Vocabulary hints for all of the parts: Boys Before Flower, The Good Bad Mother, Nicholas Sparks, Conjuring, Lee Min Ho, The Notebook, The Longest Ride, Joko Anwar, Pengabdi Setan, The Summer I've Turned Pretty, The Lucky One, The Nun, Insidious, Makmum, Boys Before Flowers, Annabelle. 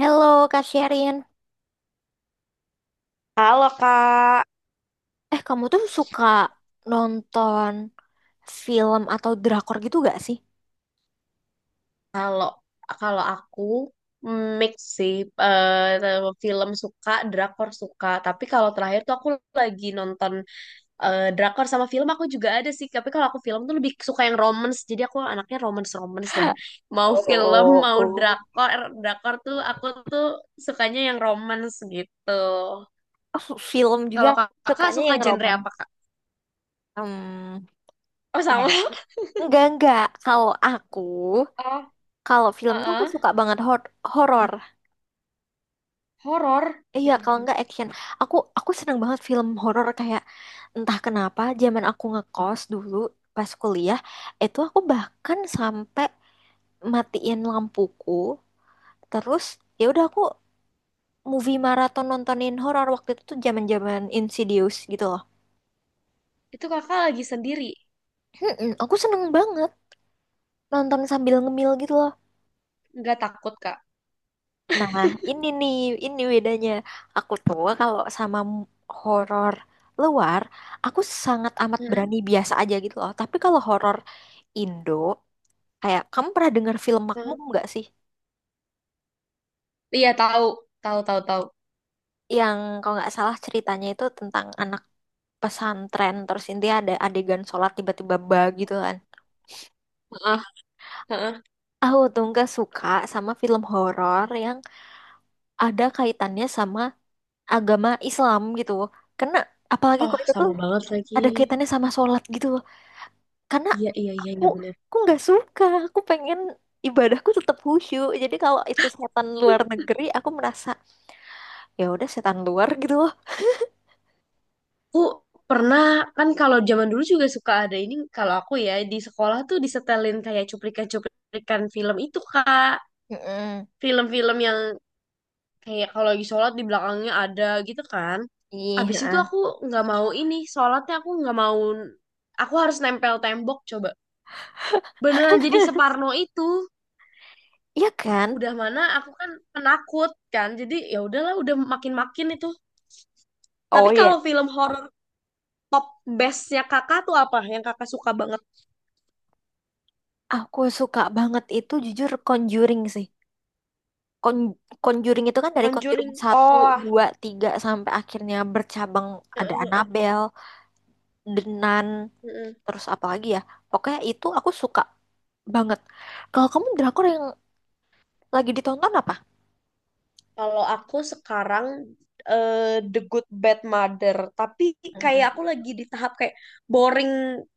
Halo Kak Sherin, Halo Kak. Kamu tuh suka nonton film atau drakor gitu gak sih? Kalau kalau aku mix sih, film suka, drakor suka. Tapi kalau terakhir tuh aku lagi nonton drakor, sama film aku juga ada sih. Tapi kalau aku film tuh lebih suka yang romance. Jadi aku anaknya romance romance ya. Mau film Oh, mau oh. drakor. Drakor tuh aku tuh sukanya yang romance gitu. Oh, film juga Kalau kakak sukanya suka yang genre romans. apa kak? Hmm, Oh ya. sama. Enggak enggak. Kalau aku, Oh, kalau film tuh aku heeh. suka banget horor. Horor. Iya, Ya kalau ampun. enggak action. Aku seneng banget film horor kayak entah kenapa zaman aku ngekos dulu pas kuliah, itu aku bahkan sampai matiin lampuku. Terus ya udah aku movie maraton nontonin horor waktu itu tuh zaman-zaman Insidious gitu loh. Itu kakak lagi sendiri, Mm-mm, aku seneng banget nonton sambil ngemil gitu loh. nggak takut kak? Nah, ini nih, ini bedanya. Aku tuh kalau sama horor luar, aku sangat amat Heeh, berani biasa aja gitu loh. Tapi kalau horor Indo, kayak kamu pernah dengar film Makmum heeh. nggak sih? Iya tahu, tahu, tahu, tahu. Yang kalau nggak salah ceritanya itu tentang anak pesantren terus intinya ada adegan sholat tiba-tiba bah gitu kan. Heeh, heeh. Aku tuh nggak suka sama film horor yang ada kaitannya sama agama Islam gitu. Karena apalagi Oh, kalau itu tuh sama banget lagi. ada kaitannya sama sholat gitu. Karena Iya, iya, iya, aku iya bener. aku nggak suka. Aku pengen ibadahku tetap khusyuk. Jadi kalau itu setan luar negeri, aku merasa ya udah setan luar gitu loh. Aku pernah, kan kalau zaman dulu juga suka ada ini, kalau aku ya, di sekolah tuh disetelin kayak cuplikan-cuplikan film itu, Kak. Mm-mm. Film-film yang kayak kalau lagi sholat di belakangnya ada gitu kan. Abis itu Iya. aku nggak mau ini, sholatnya aku nggak mau, aku harus nempel tembok coba. Beneran jadi separno itu. Iya kan? Udah mana aku kan penakut kan, jadi ya udahlah udah makin-makin itu. Oh Tapi kalau iya. film horor top bestnya kakak tuh apa yang kakak suka banget? Aku suka banget itu jujur Conjuring sih. Con- Conjuring itu kan dari Conjuring Conjuring. satu Oh. 2 3 sampai akhirnya bercabang ada Annabelle, The Nun, Mm-mm. terus apa lagi ya? Pokoknya itu aku suka banget. Kalau kamu drakor yang lagi ditonton apa? Kalau aku sekarang, eh, The Good Bad Mother, tapi kayak Mm-mm. aku lagi di tahap kayak boring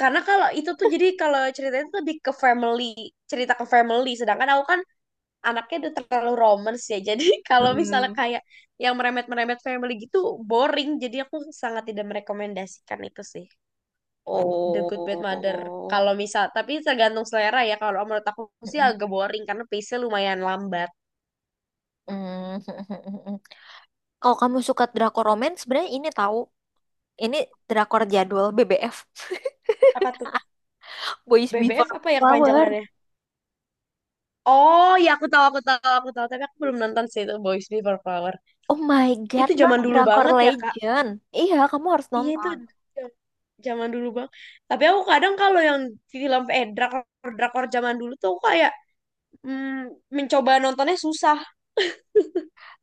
karena kalau itu tuh, jadi kalau ceritanya tuh lebih ke family, cerita ke family. Sedangkan aku kan anaknya udah terlalu romance ya. Jadi kalau misalnya Mm-mm. kayak yang meremet-meremet family gitu boring. Jadi aku sangat tidak merekomendasikan itu sih. The Good Bad Mother. Oh. Kalau misal, tapi tergantung selera ya. Kalau menurut aku sih Mm-mm. agak boring karena pace-nya lumayan lambat. Mm-mm. Kalau kamu suka drakor romance, sebenarnya ini tahu, ini drakor jadwal BBF, Apa tuh? Boys Before BBF apa ya Flower. kepanjangannya? Oh ya aku tahu, aku tahu, aku tahu, tapi aku belum nonton sih itu Boys Before Flower. Oh my God, Itu itu zaman dulu drakor banget ya Kak. legend. Iya, kamu harus Iya itu nonton. j- zaman dulu bang. Tapi aku kadang kalau yang film, drakor, zaman dulu tuh aku kayak mencoba nontonnya susah.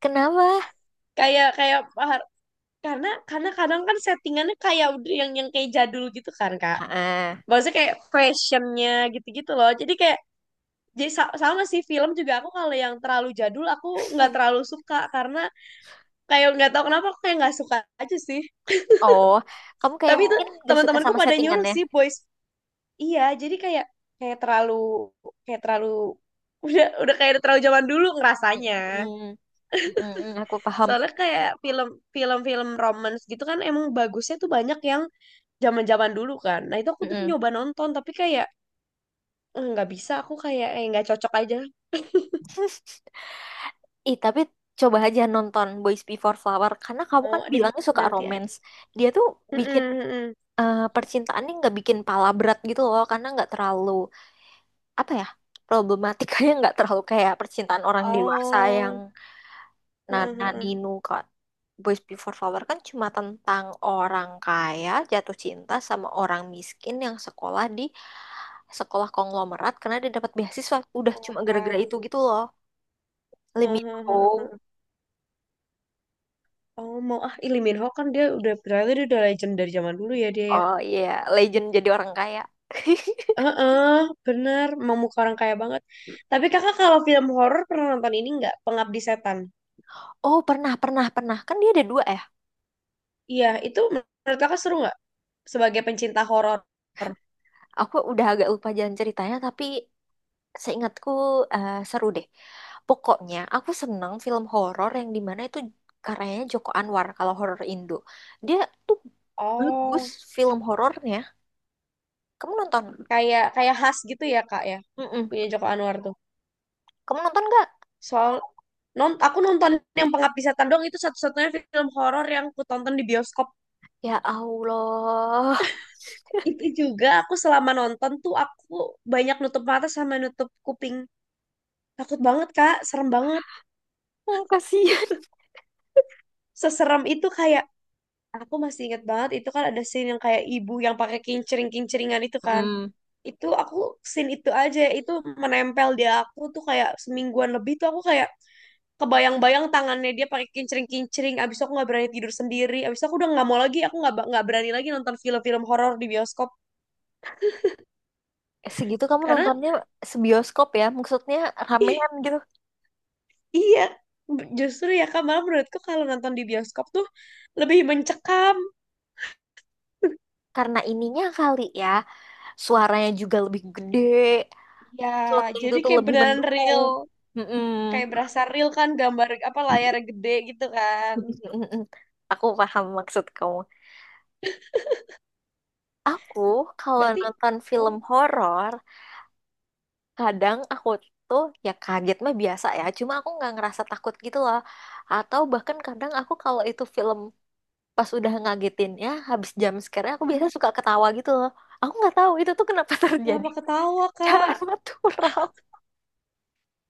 Kenapa? Kayak kayak, karena kadang kan settingannya kayak udah yang kayak jadul gitu kan kak, Heeh. maksudnya kayak fashionnya gitu-gitu loh. Jadi sama sih film juga aku kalau yang terlalu jadul aku nggak terlalu suka karena kayak nggak tahu kenapa aku kayak nggak suka aja sih. Oh, kamu kayak Tapi itu mungkin gak suka teman-temanku sama pada nyuruh settingannya. sih boys, iya jadi kayak kayak terlalu, udah kayak terlalu zaman dulu ngerasanya. Hmm, mm, mm, aku paham. Soalnya kayak film-film romance gitu kan emang bagusnya tuh banyak yang zaman-zaman dulu kan. Nah, itu aku Mm, tuh mm. nyoba nonton tapi kayak, "Eh, nggak bisa aku kayak eh nggak cocok aja." Ih, tapi coba aja nonton Boys Before Flower. Karena kamu Mau kan deh bilangnya suka nanti ya. romance. Dia tuh Mm-mm, bikin mm-mm. Percintaannya nggak bikin pala berat gitu loh. Karena nggak terlalu, apa ya, problematikanya nggak terlalu kayak percintaan orang dewasa yang Oh, heeh, Nana heeh. Ninu kok. Boys Before Flower kan cuma tentang orang kaya jatuh cinta sama orang miskin yang sekolah di sekolah konglomerat karena dia dapat beasiswa. Udah cuma gara-gara Pemeran. itu gitu loh. Lee Min Heeh, heeh, Ho. heeh. Oh, mau ah Lee Min Ho. Kan dia udah berarti dia udah legend dari zaman dulu ya dia ya. Oh iya, legend jadi orang kaya. Heeh, benar, mau muka orang kaya banget. Tapi kakak kalau film horor pernah nonton ini nggak? Pengabdi Setan. Oh, pernah, pernah, pernah. Kan dia ada dua ya. Iya, itu menurut kakak seru nggak, sebagai pencinta horor? Aku udah agak lupa jalan ceritanya, tapi seingatku seru deh. Pokoknya aku seneng film horor yang dimana itu karyanya Joko Anwar kalau horor Indo. Dia tuh bagus Oh. film horornya. Kamu nonton? Kayak kayak khas gitu ya, Kak ya. Mm-mm. Punya Joko Anwar tuh. Kamu nonton nggak? Soal aku nonton yang Pengabdi Setan doang, itu satu-satunya film horor yang aku tonton di bioskop. Ya Allah. Itu juga aku selama nonton tuh aku banyak nutup mata sama nutup kuping. Takut banget, Kak. Serem banget. Hmm, kasihan. Seserem itu kayak aku masih ingat banget itu kan ada scene yang kayak ibu yang pakai kincering-kinceringan itu kan. Mm. Itu scene itu aja itu menempel di aku tuh kayak semingguan lebih, tuh aku kayak kebayang-bayang tangannya dia pakai kincring-kincring. Abis itu aku nggak berani tidur sendiri. Abis itu aku udah nggak mau lagi, aku nggak berani lagi nonton film-film horor di bioskop Segitu kamu karena, nontonnya sebioskop ya? Maksudnya ih, ramean gitu. iya, justru ya kak, malah menurutku kalau nonton di bioskop tuh lebih mencekam. Karena ininya kali ya, suaranya juga lebih gede. Ya Sound itu jadi tuh kayak lebih beneran mendukung. real, Mm-mm. kayak berasa real kan, gambar apa layar gede gitu kan. Mm-mm. Aku paham maksud kamu. Aku kalau Berarti nonton oh, film horor, kadang aku tuh ya kaget mah biasa ya. Cuma aku nggak ngerasa takut gitu loh. Atau bahkan kadang aku kalau itu film pas udah ngagetin ya, habis jam scare aku hmm, biasa suka ketawa gitu loh. Aku nggak tahu itu tuh kenapa terjadi kenapa ketawa secara kak, natural.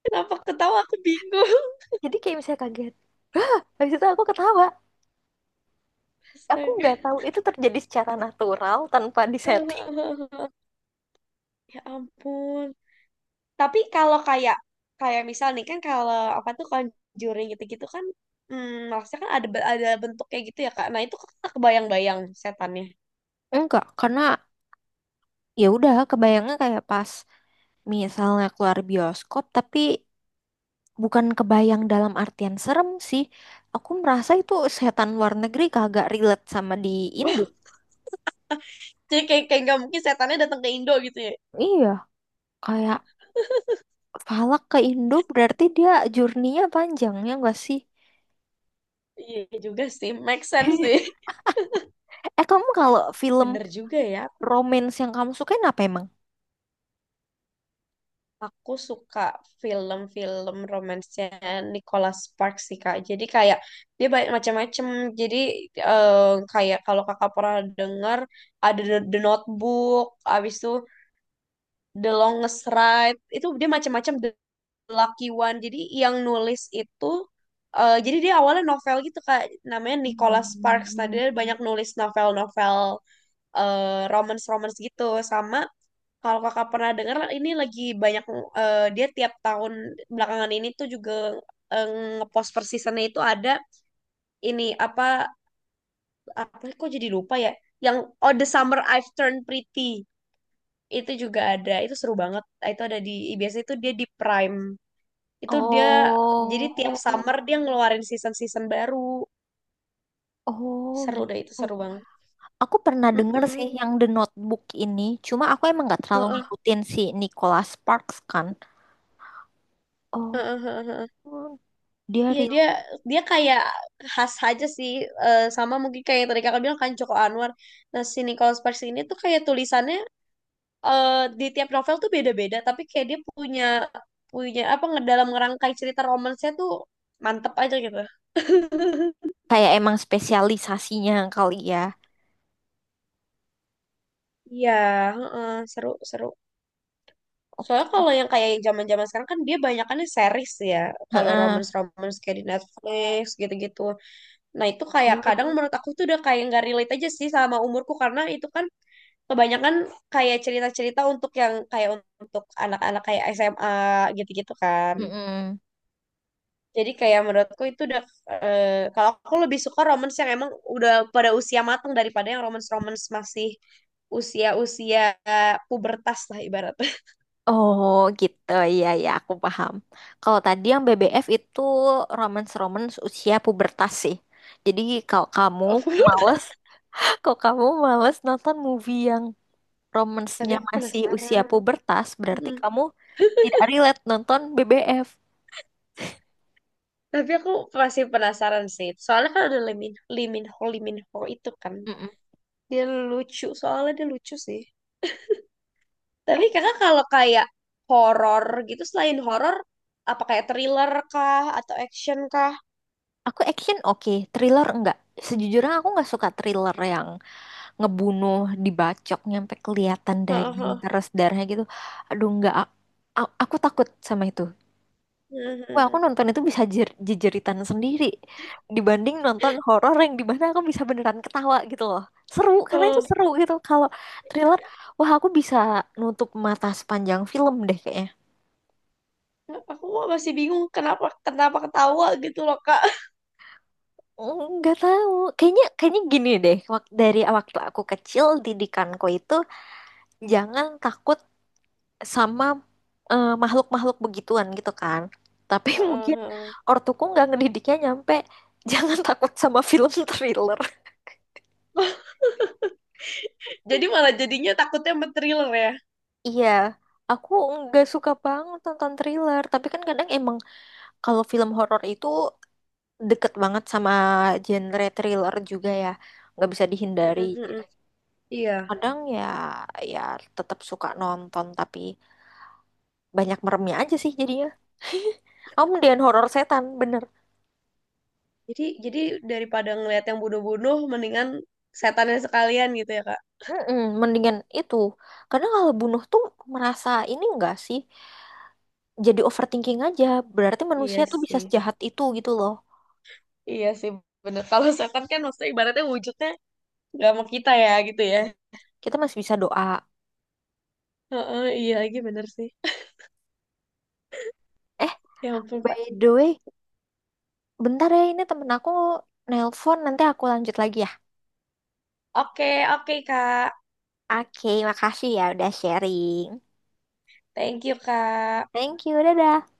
kenapa ketawa aku bingung. Jadi kayak misalnya kaget, habis itu aku ketawa. Aku Astaga. nggak tahu itu terjadi secara natural tanpa disetting. Ya ampun. Tapi kalau kayak kayak misal nih kan, kalau apa tuh Conjuring gitu-gitu kan, maksudnya kan ada bentuk kayak gitu ya Kak. Nah, itu Kakak kebayang-bayang setannya. Enggak, karena ya udah kebayangnya kayak pas misalnya keluar bioskop, tapi bukan kebayang dalam artian serem sih. Aku merasa itu setan luar negeri kagak relate sama di Indo. Jadi kayak kayak nggak mungkin setannya datang ke Indo gitu ya. Iya, kayak Falak ke Indo berarti dia journey-nya panjang ya nggak sih? Iya juga sih, make sense sih. Eh, kamu kalau film Bener juga ya. romance yang kamu sukain apa emang? Aku suka film-film romansnya Nicholas Sparks sih Kak. Jadi kayak dia banyak macam-macam. Jadi kayak kalau Kakak pernah dengar ada The Notebook, abis itu The Longest Ride, itu dia macam-macam, The Lucky One, jadi yang nulis itu, jadi dia awalnya novel gitu kak, namanya Nicholas Sparks. Nah Hmm. dia banyak nulis novel-novel romance-romance gitu, sama kalau kakak pernah dengar ini lagi banyak, dia tiap tahun belakangan ini tuh juga, eh, ngepost per seasonnya itu ada ini apa, kok jadi lupa ya, yang, oh, The Summer I've Turned Pretty, itu juga ada, itu seru banget, itu ada di, biasanya itu dia di Prime, itu dia jadi tiap Oh, summer dia ngeluarin season-season baru, oh seru deh itu gitu. seru banget. Aku pernah denger sih Mm-mm. yang The Notebook ini. Cuma aku emang nggak terlalu Heeh, ngikutin si Nicholas Sparks kan. Oh, heeh, heeh, heeh. Oh, dia Iya real dia dia kayak khas aja sih, sama mungkin kayak yang tadi kakak bilang kan, Joko Anwar. Nah si Nicholas Sparks ini tuh kayak tulisannya, eh, di tiap novel tuh beda-beda, tapi kayak dia punya punya apa, ngedalam ngerangkai cerita romansnya tuh mantep aja gitu. kayak emang spesialisasinya kali ya. Iya, heeh, seru seru. Soalnya Oke. kalau yang kayak zaman-zaman sekarang kan dia banyakannya series ya. Kalau Heeh. romance-romance kayak di Netflix gitu-gitu. Nah, itu kayak Iya lagi. kadang menurut aku tuh udah kayak nggak relate aja sih sama umurku, karena itu kan kebanyakan kayak cerita-cerita untuk yang kayak untuk anak-anak kayak SMA gitu-gitu kan. Mm-mm. Jadi kayak menurutku itu udah, eh, kalau aku lebih suka romance yang emang udah pada usia matang, daripada yang romance-romance masih usia-usia pubertas lah ibarat. Oh gitu, iya ya aku paham. Kalau tadi yang BBF itu romance-romance usia pubertas sih. Jadi kalau kamu Oh, males, kalau kamu males nonton movie yang tapi romance-nya aku masih usia penasaran. pubertas, berarti Mm-mm. kamu tidak relate nonton BBF. Tapi aku masih penasaran sih. Soalnya kan ada Liminho Liminho itu kan. Mm-mm. Dia lucu, soalnya dia lucu sih. Tapi kakak kalau kayak horor gitu selain horor apa kayak thriller kah atau action kah? Aku action oke, thriller enggak. Sejujurnya aku nggak suka thriller yang ngebunuh dibacok nyampe kelihatan Heeh. daging Heeh. terus darahnya gitu. Aduh nggak, aku takut sama itu. Mm-hmm. Wah, aku nonton itu bisa jejeritan sendiri dibanding nonton horor yang di mana aku bisa beneran ketawa gitu loh. Seru, karena itu Heeh. seru gitu. Kalau thriller, wah aku bisa nutup mata sepanjang film deh kayaknya. Aku mah masih bingung kenapa kenapa ketawa gitu loh Kak. Nggak tahu. Kayaknya kayaknya gini deh. Dari waktu aku kecil didikanku itu jangan takut sama makhluk-makhluk begituan gitu kan. Tapi Heeh. mungkin Heeh. ortuku nggak ngedidiknya nyampe jangan takut sama film thriller. Jadi malah jadinya takutnya sama thriller ya. Iya, aku nggak suka banget nonton thriller. Tapi kan kadang emang kalau film horor itu deket banget sama genre thriller juga ya. Nggak bisa dihindari. Heeh. Heeh. Iya. Kadang ya, ya tetap suka nonton tapi banyak meremnya aja sih jadinya. Aku mendingan horor setan, bener. Jadi daripada ngeliat yang bodoh-bodoh, mendingan setannya sekalian gitu ya, Kak. Mm-mm, mendingan itu. Karena kalau bunuh tuh merasa ini enggak sih? Jadi overthinking aja. Berarti manusia Iya tuh bisa sih. sejahat itu gitu loh. Iya sih, bener. Kalau setan kan maksudnya ibaratnya wujudnya nggak mau kita ya gitu ya. Kita masih bisa doa. Heeh, iya lagi bener sih. Eh, Ya ampun, by Pak. the way, bentar ya ini temen aku nelpon. Nanti aku lanjut lagi ya. Oke, oke, Kak. Oke, makasih ya udah sharing. Thank you, Kak. Thank you, dadah.